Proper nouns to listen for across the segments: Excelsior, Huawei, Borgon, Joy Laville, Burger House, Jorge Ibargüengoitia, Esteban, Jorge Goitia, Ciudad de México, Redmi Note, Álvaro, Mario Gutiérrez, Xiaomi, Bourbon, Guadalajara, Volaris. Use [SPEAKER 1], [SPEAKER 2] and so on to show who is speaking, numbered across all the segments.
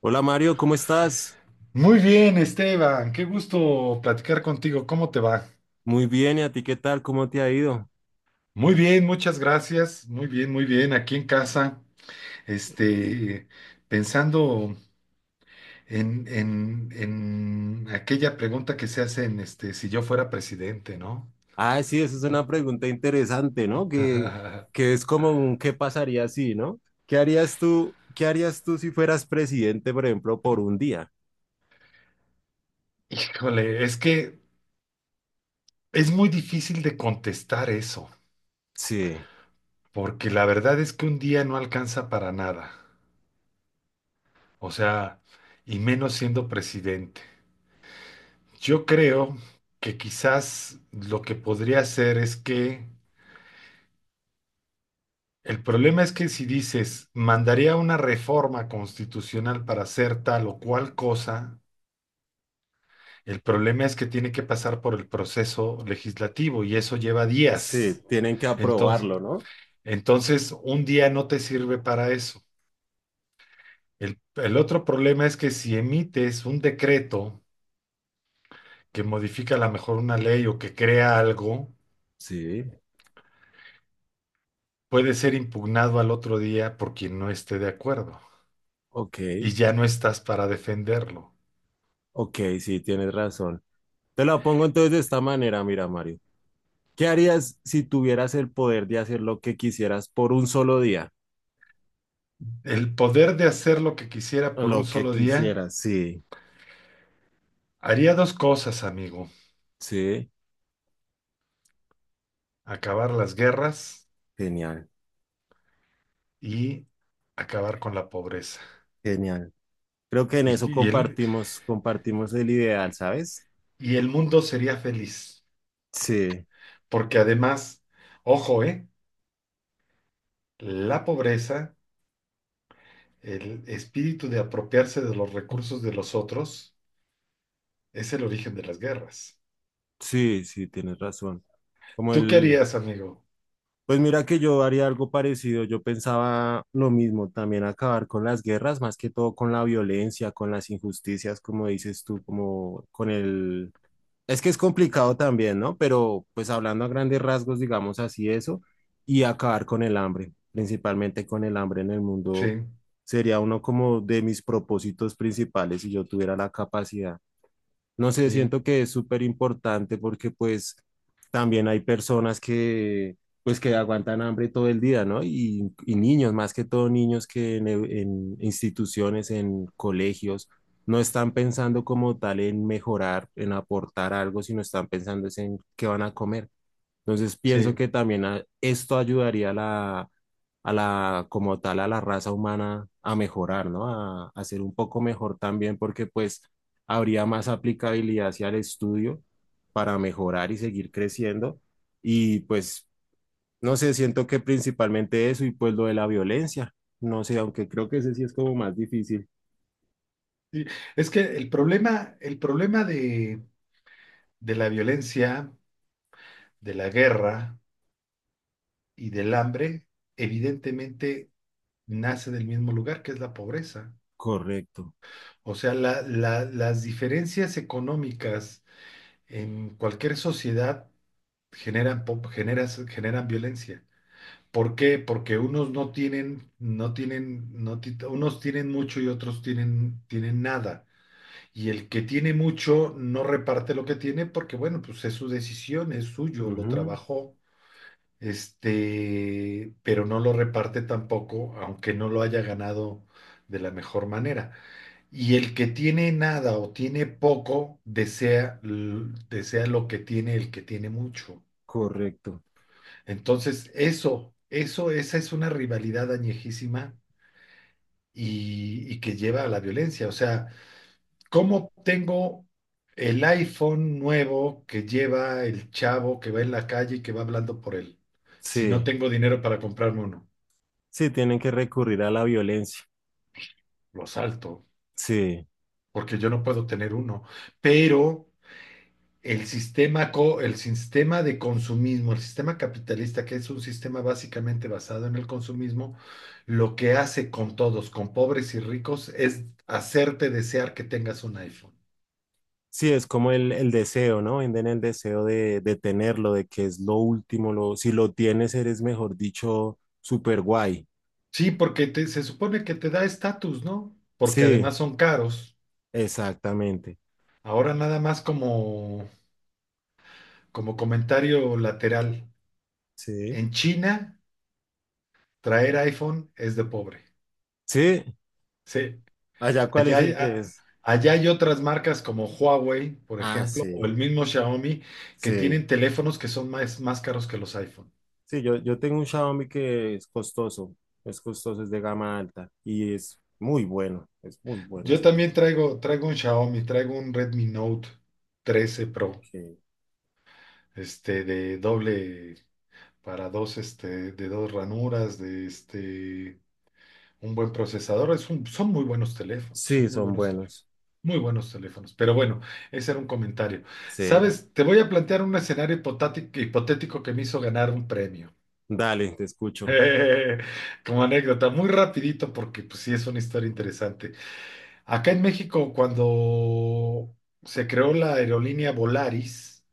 [SPEAKER 1] Hola Mario, ¿cómo estás?
[SPEAKER 2] Muy bien, Esteban, qué gusto platicar contigo. ¿Cómo te va?
[SPEAKER 1] Muy bien, ¿y a ti qué tal? ¿Cómo te ha ido?
[SPEAKER 2] Muy bien, muchas gracias. Muy bien, muy bien. Aquí en casa, este, pensando en aquella pregunta que se hace si yo fuera presidente, ¿no?
[SPEAKER 1] Ah, sí, esa es una pregunta interesante, ¿no? Que, que es como un ¿qué pasaría si, no? Qué harías tú si fueras presidente, por ejemplo, por un día?
[SPEAKER 2] ¡Híjole! Es que es muy difícil de contestar eso,
[SPEAKER 1] Sí,
[SPEAKER 2] porque la verdad es que un día no alcanza para nada, o sea, y menos siendo presidente. Yo creo que quizás lo que podría hacer es que el problema es que si dices, mandaría una reforma constitucional para hacer tal o cual cosa, el problema es que tiene que pasar por el proceso legislativo y eso lleva
[SPEAKER 1] sí,
[SPEAKER 2] días.
[SPEAKER 1] tienen que
[SPEAKER 2] Entonces,
[SPEAKER 1] aprobarlo, ¿no?
[SPEAKER 2] entonces, un día no te sirve para eso. El otro problema es que si emites un decreto que modifica a lo mejor una ley o que crea algo,
[SPEAKER 1] Sí,
[SPEAKER 2] puede ser impugnado al otro día por quien no esté de acuerdo
[SPEAKER 1] ok,
[SPEAKER 2] y ya no estás para defenderlo.
[SPEAKER 1] ok, sí, tienes razón. Te la pongo entonces de esta manera, mira Mario. ¿Qué harías si tuvieras el poder de hacer lo que quisieras por un solo día?
[SPEAKER 2] El poder de hacer lo que quisiera por un
[SPEAKER 1] Lo que
[SPEAKER 2] solo día
[SPEAKER 1] quisieras, sí,
[SPEAKER 2] haría dos cosas, amigo.
[SPEAKER 1] sí.
[SPEAKER 2] Acabar las guerras
[SPEAKER 1] Genial,
[SPEAKER 2] y acabar con la pobreza.
[SPEAKER 1] genial. Creo que en
[SPEAKER 2] Y,
[SPEAKER 1] eso
[SPEAKER 2] y el,
[SPEAKER 1] compartimos, compartimos el ideal, ¿sabes?
[SPEAKER 2] y el mundo sería feliz.
[SPEAKER 1] Sí,
[SPEAKER 2] Porque además, ojo, ¿eh? La pobreza, el espíritu de apropiarse de los recursos de los otros, es el origen de las guerras.
[SPEAKER 1] sí, sí, tienes razón. Como
[SPEAKER 2] ¿Tú qué
[SPEAKER 1] el,
[SPEAKER 2] harías, amigo?
[SPEAKER 1] pues mira que yo haría algo parecido, yo pensaba lo mismo, también acabar con las guerras, más que todo con la violencia, con las injusticias, como dices tú, como con el, es que es complicado también, ¿no? Pero pues hablando a grandes rasgos, digamos así eso, y acabar con el hambre, principalmente con el hambre en el mundo,
[SPEAKER 2] Sí,
[SPEAKER 1] sería uno como de mis propósitos principales si yo tuviera la capacidad. No sé,
[SPEAKER 2] sí.
[SPEAKER 1] siento que es súper importante porque pues también hay personas que pues que aguantan hambre todo el día, ¿no? Y niños, más que todo niños que en instituciones, en colegios, no están pensando como tal en mejorar, en aportar algo, sino están pensando es en qué van a comer. Entonces pienso
[SPEAKER 2] Sí,
[SPEAKER 1] que también esto ayudaría a la, como tal, a la raza humana a mejorar, ¿no? A ser un poco mejor también porque pues habría más aplicabilidad hacia el estudio para mejorar y seguir creciendo. Y pues, no sé, siento que principalmente eso y pues lo de la violencia, no sé, aunque creo que ese sí es como más difícil.
[SPEAKER 2] sí. Es que el problema de la violencia, de la guerra y del hambre, evidentemente nace del mismo lugar, que es la pobreza.
[SPEAKER 1] Correcto.
[SPEAKER 2] O sea, las diferencias económicas en cualquier sociedad generan violencia. ¿Por qué? Porque unos no tienen, no tienen, no ti- unos tienen mucho y otros tienen nada. Y el que tiene mucho no reparte lo que tiene porque, bueno, pues es su decisión, es suyo, lo
[SPEAKER 1] Ujú.
[SPEAKER 2] trabajó, pero no lo reparte tampoco, aunque no lo haya ganado de la mejor manera. Y el que tiene nada o tiene poco, desea lo que tiene el que tiene mucho.
[SPEAKER 1] Correcto.
[SPEAKER 2] Entonces, eso, esa es una rivalidad añejísima y que lleva a la violencia. O sea, ¿cómo tengo el iPhone nuevo que lleva el chavo que va en la calle y que va hablando por él? Si no
[SPEAKER 1] Sí,
[SPEAKER 2] tengo dinero para comprarme uno,
[SPEAKER 1] sí, tienen que recurrir a la violencia.
[SPEAKER 2] lo salto,
[SPEAKER 1] Sí.
[SPEAKER 2] porque yo no puedo tener uno. Pero el sistema, el sistema de consumismo, el sistema capitalista, que es un sistema básicamente basado en el consumismo, lo que hace con todos, con pobres y ricos, es hacerte desear que tengas un iPhone.
[SPEAKER 1] Sí, es como el deseo, ¿no? Venden el deseo de tenerlo, de que es lo último, lo, si lo tienes eres, mejor dicho, super guay.
[SPEAKER 2] Sí, porque se supone que te da estatus, ¿no? Porque
[SPEAKER 1] Sí,
[SPEAKER 2] además son caros.
[SPEAKER 1] exactamente.
[SPEAKER 2] Ahora nada más como comentario lateral.
[SPEAKER 1] Sí,
[SPEAKER 2] En China, traer iPhone es de pobre.
[SPEAKER 1] sí.
[SPEAKER 2] Sí,
[SPEAKER 1] Allá, ¿cuál
[SPEAKER 2] allá
[SPEAKER 1] es
[SPEAKER 2] hay,
[SPEAKER 1] el que
[SPEAKER 2] a-
[SPEAKER 1] es?
[SPEAKER 2] allá hay otras marcas como Huawei, por
[SPEAKER 1] Ah,
[SPEAKER 2] ejemplo, o
[SPEAKER 1] sí,
[SPEAKER 2] el mismo Xiaomi, que
[SPEAKER 1] sí.
[SPEAKER 2] tienen teléfonos que son más caros que los iPhone.
[SPEAKER 1] Sí, yo tengo un Xiaomi que es costoso, es costoso, es de gama alta y es muy bueno
[SPEAKER 2] Yo
[SPEAKER 1] ese
[SPEAKER 2] también
[SPEAKER 1] teléfono.
[SPEAKER 2] traigo un Xiaomi, traigo un Redmi Note 13 Pro,
[SPEAKER 1] que-
[SPEAKER 2] de doble, para dos, de dos ranuras, un buen procesador, son muy buenos teléfonos,
[SPEAKER 1] Sí,
[SPEAKER 2] son muy
[SPEAKER 1] son
[SPEAKER 2] buenos teléfonos,
[SPEAKER 1] buenos.
[SPEAKER 2] muy buenos teléfonos. Pero bueno, ese era un comentario.
[SPEAKER 1] Sí.
[SPEAKER 2] Sabes, te voy a plantear un escenario hipotético que me hizo ganar un premio.
[SPEAKER 1] Dale, te escucho.
[SPEAKER 2] Como anécdota, muy rapidito porque pues sí es una historia interesante. Acá en México, cuando se creó la aerolínea Volaris,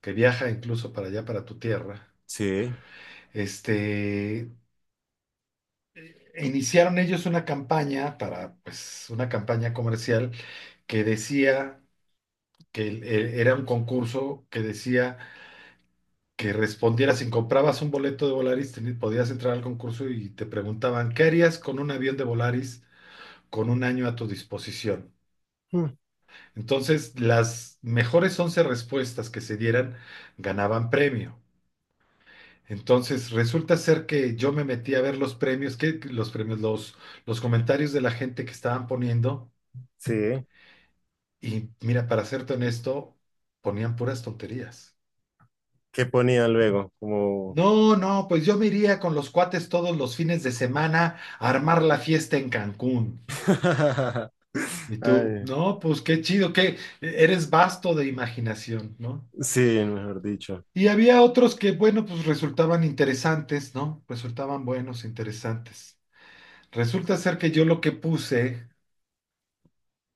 [SPEAKER 2] que viaja incluso para allá, para tu tierra,
[SPEAKER 1] Sí.
[SPEAKER 2] este, iniciaron ellos una campaña para, pues, una campaña comercial que decía que era un concurso que decía que respondieras, si comprabas un boleto de Volaris, podías entrar al concurso y te preguntaban, ¿qué harías con un avión de Volaris con un año a tu disposición?
[SPEAKER 1] Mm.
[SPEAKER 2] Entonces, las mejores 11 respuestas que se dieran ganaban premio. Entonces, resulta ser que yo me metí a ver los premios, que los premios, los comentarios de la gente que estaban poniendo,
[SPEAKER 1] Sí.
[SPEAKER 2] y mira, para serte honesto, ponían puras tonterías.
[SPEAKER 1] ¿Qué ponía luego? Como...
[SPEAKER 2] No, no, pues yo me iría con los cuates todos los fines de semana a armar la fiesta en Cancún. ¿Y tú?
[SPEAKER 1] Ay,
[SPEAKER 2] No, pues qué chido, que eres vasto de imaginación, ¿no?
[SPEAKER 1] sí, mejor dicho.
[SPEAKER 2] Y había otros que, bueno, pues resultaban interesantes, ¿no? Resultaban buenos, interesantes. Resulta ser que yo lo que puse,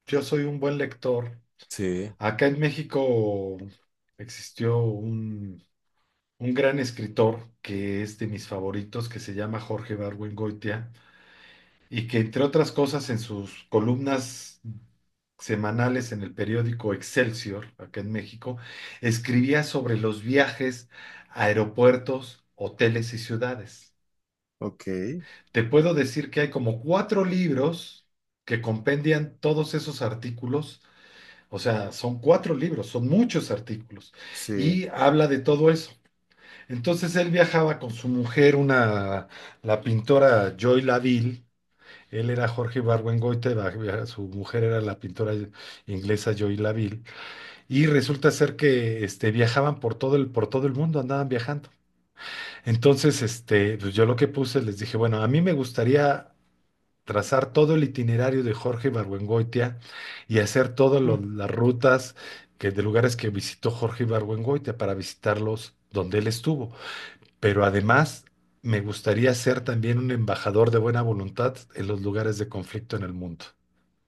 [SPEAKER 2] yo soy un buen lector.
[SPEAKER 1] Sí,
[SPEAKER 2] Acá en México existió un gran escritor que es de mis favoritos, que se llama Jorge Goitia y que entre otras cosas en sus columnas semanales en el periódico Excelsior, acá en México, escribía sobre los viajes a aeropuertos, hoteles y ciudades.
[SPEAKER 1] ok,
[SPEAKER 2] Te puedo decir que hay como cuatro libros que compendian todos esos artículos. O sea, son cuatro libros, son muchos artículos,
[SPEAKER 1] sí.
[SPEAKER 2] y habla de todo eso. Entonces él viajaba con su mujer, una, la pintora Joy Laville. Él era Jorge Ibargüengoitia, su mujer era la pintora inglesa Joy Laville, y resulta ser que viajaban por todo el mundo, andaban viajando. Entonces, pues yo lo que puse, les dije, bueno, a mí me gustaría trazar todo el itinerario de Jorge Ibargüengoitia y hacer todas
[SPEAKER 1] Mm.
[SPEAKER 2] las rutas que, de lugares que visitó Jorge Ibargüengoitia para visitarlos donde él estuvo. Pero además, me gustaría ser también un embajador de buena voluntad en los lugares de conflicto en el mundo.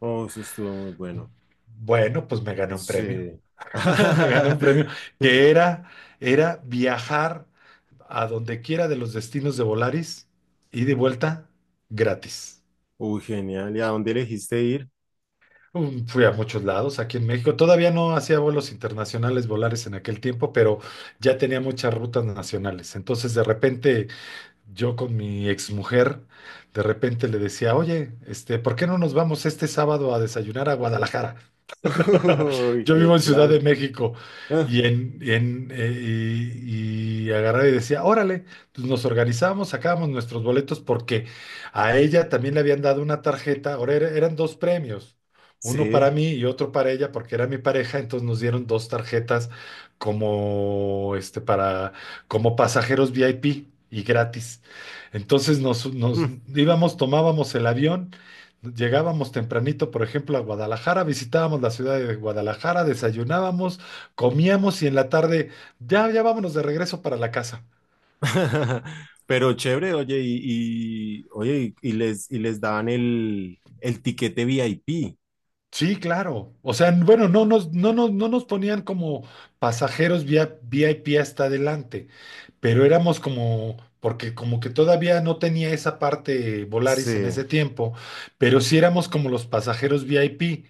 [SPEAKER 1] Oh, eso estuvo muy bueno.
[SPEAKER 2] Bueno, pues me gané un premio.
[SPEAKER 1] Sí.
[SPEAKER 2] Me gané un premio que era viajar a donde quiera de los destinos de Volaris y de vuelta gratis.
[SPEAKER 1] Uy, genial. ¿Y a dónde elegiste ir?
[SPEAKER 2] Fui a muchos lados aquí en México. Todavía no hacía vuelos internacionales Volaris en aquel tiempo, pero ya tenía muchas rutas nacionales. Entonces, de repente, yo con mi exmujer, de repente le decía, oye, ¿por qué no nos vamos este sábado a desayunar a Guadalajara?
[SPEAKER 1] Uy,
[SPEAKER 2] Yo
[SPEAKER 1] qué
[SPEAKER 2] vivo en Ciudad de
[SPEAKER 1] plan.
[SPEAKER 2] México
[SPEAKER 1] Ah,
[SPEAKER 2] y agarraba y decía, órale, pues nos organizamos, sacábamos nuestros boletos porque a ella también le habían dado una tarjeta, eran dos premios, uno
[SPEAKER 1] sí.
[SPEAKER 2] para mí y otro para ella porque era mi pareja, entonces nos dieron dos tarjetas como para como pasajeros VIP y gratis. Entonces nos,
[SPEAKER 1] Mm.
[SPEAKER 2] nos íbamos, tomábamos el avión. Llegábamos tempranito, por ejemplo, a Guadalajara, visitábamos la ciudad de Guadalajara, desayunábamos, comíamos y en la tarde, ya, ya vámonos de regreso para la casa.
[SPEAKER 1] Pero chévere, oye, oye, y les y les daban el tiquete VIP.
[SPEAKER 2] Sí, claro. O sea, bueno, no nos ponían como pasajeros vía VIP hasta adelante, pero éramos como, porque como que todavía no tenía esa parte Volaris en
[SPEAKER 1] Sí.
[SPEAKER 2] ese tiempo, pero sí éramos como los pasajeros VIP,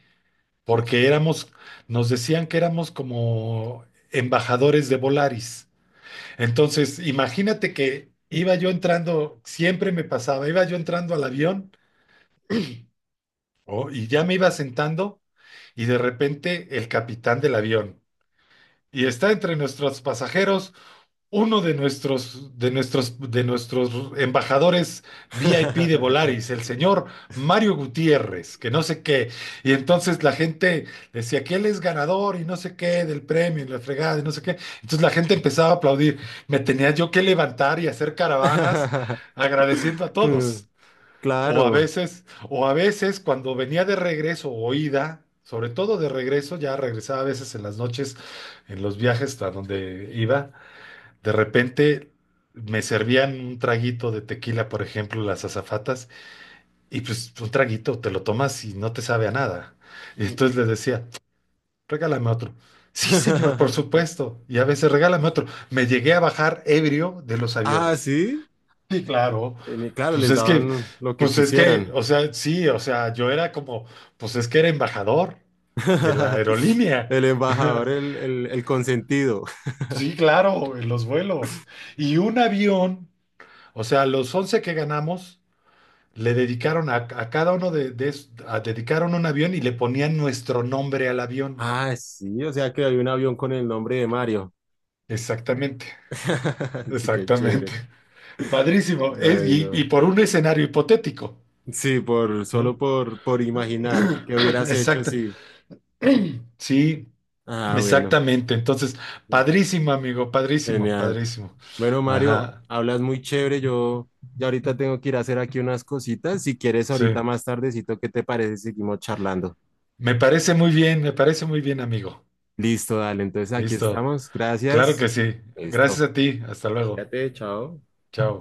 [SPEAKER 2] porque
[SPEAKER 1] Los-
[SPEAKER 2] éramos, nos decían que éramos como embajadores de Volaris. Entonces, imagínate que iba yo entrando, siempre me pasaba, iba yo entrando al avión. Oh, y ya me iba sentando y de repente el capitán del avión. Y está entre nuestros pasajeros uno de nuestros, de nuestros, de nuestros embajadores VIP de Volaris, el señor Mario Gutiérrez, que no sé qué. Y entonces la gente decía que él es ganador y no sé qué del premio y la fregada y no sé qué. Entonces la gente empezaba a aplaudir. Me tenía yo que levantar y hacer caravanas agradeciendo a todos.
[SPEAKER 1] Mm.
[SPEAKER 2] O a
[SPEAKER 1] Claro.
[SPEAKER 2] veces, o a veces cuando venía de regreso o ida, sobre todo de regreso, ya regresaba a veces en las noches, en los viajes a donde iba, de repente me servían un traguito de tequila, por ejemplo, las azafatas, y pues un traguito te lo tomas y no te sabe a nada. Y entonces les decía, regálame otro. Sí, señor, por supuesto. Y a veces regálame otro. Me llegué a bajar ebrio de los
[SPEAKER 1] Ah,
[SPEAKER 2] aviones.
[SPEAKER 1] sí.
[SPEAKER 2] Sí, claro.
[SPEAKER 1] En- y claro,
[SPEAKER 2] Pues
[SPEAKER 1] les
[SPEAKER 2] es que,
[SPEAKER 1] daban lo que
[SPEAKER 2] pues es que,
[SPEAKER 1] quisieran.
[SPEAKER 2] o sea, sí, o sea, yo era como, pues es que era embajador de la aerolínea.
[SPEAKER 1] El embajador, el consentido.
[SPEAKER 2] Sí, claro, en los vuelos. Y un avión O sea, los 11 que ganamos le dedicaron a cada uno dedicaron un avión y le ponían nuestro nombre al avión.
[SPEAKER 1] Ah, sí, o sea que hay un avión con el nombre de Mario.
[SPEAKER 2] Exactamente,
[SPEAKER 1] Sí, qué
[SPEAKER 2] exactamente.
[SPEAKER 1] chévere.
[SPEAKER 2] Padrísimo. Es-
[SPEAKER 1] Ay,
[SPEAKER 2] y, y
[SPEAKER 1] no.
[SPEAKER 2] por un escenario hipotético,
[SPEAKER 1] Sí, por, solo
[SPEAKER 2] ¿no?
[SPEAKER 1] por imaginar qué hubieras hecho,
[SPEAKER 2] Exacto.
[SPEAKER 1] sí.
[SPEAKER 2] Sí,
[SPEAKER 1] Ah, bueno.
[SPEAKER 2] exactamente. Entonces, padrísimo, amigo, padrísimo,
[SPEAKER 1] Genial.
[SPEAKER 2] padrísimo.
[SPEAKER 1] Bueno, Mario,
[SPEAKER 2] Ajá,
[SPEAKER 1] hablas muy chévere. Yo ya ahorita tengo que ir a hacer aquí unas cositas. Si quieres,
[SPEAKER 2] sí.
[SPEAKER 1] ahorita más tardecito, ¿qué te parece? Seguimos charlando.
[SPEAKER 2] Me parece muy bien, me parece muy bien, amigo.
[SPEAKER 1] Listo, dale. Entonces aquí
[SPEAKER 2] Listo.
[SPEAKER 1] estamos.
[SPEAKER 2] Claro
[SPEAKER 1] Gracias.
[SPEAKER 2] que sí. Gracias
[SPEAKER 1] Listo.
[SPEAKER 2] a ti. Hasta luego.
[SPEAKER 1] Cuídate, chao.
[SPEAKER 2] Chao.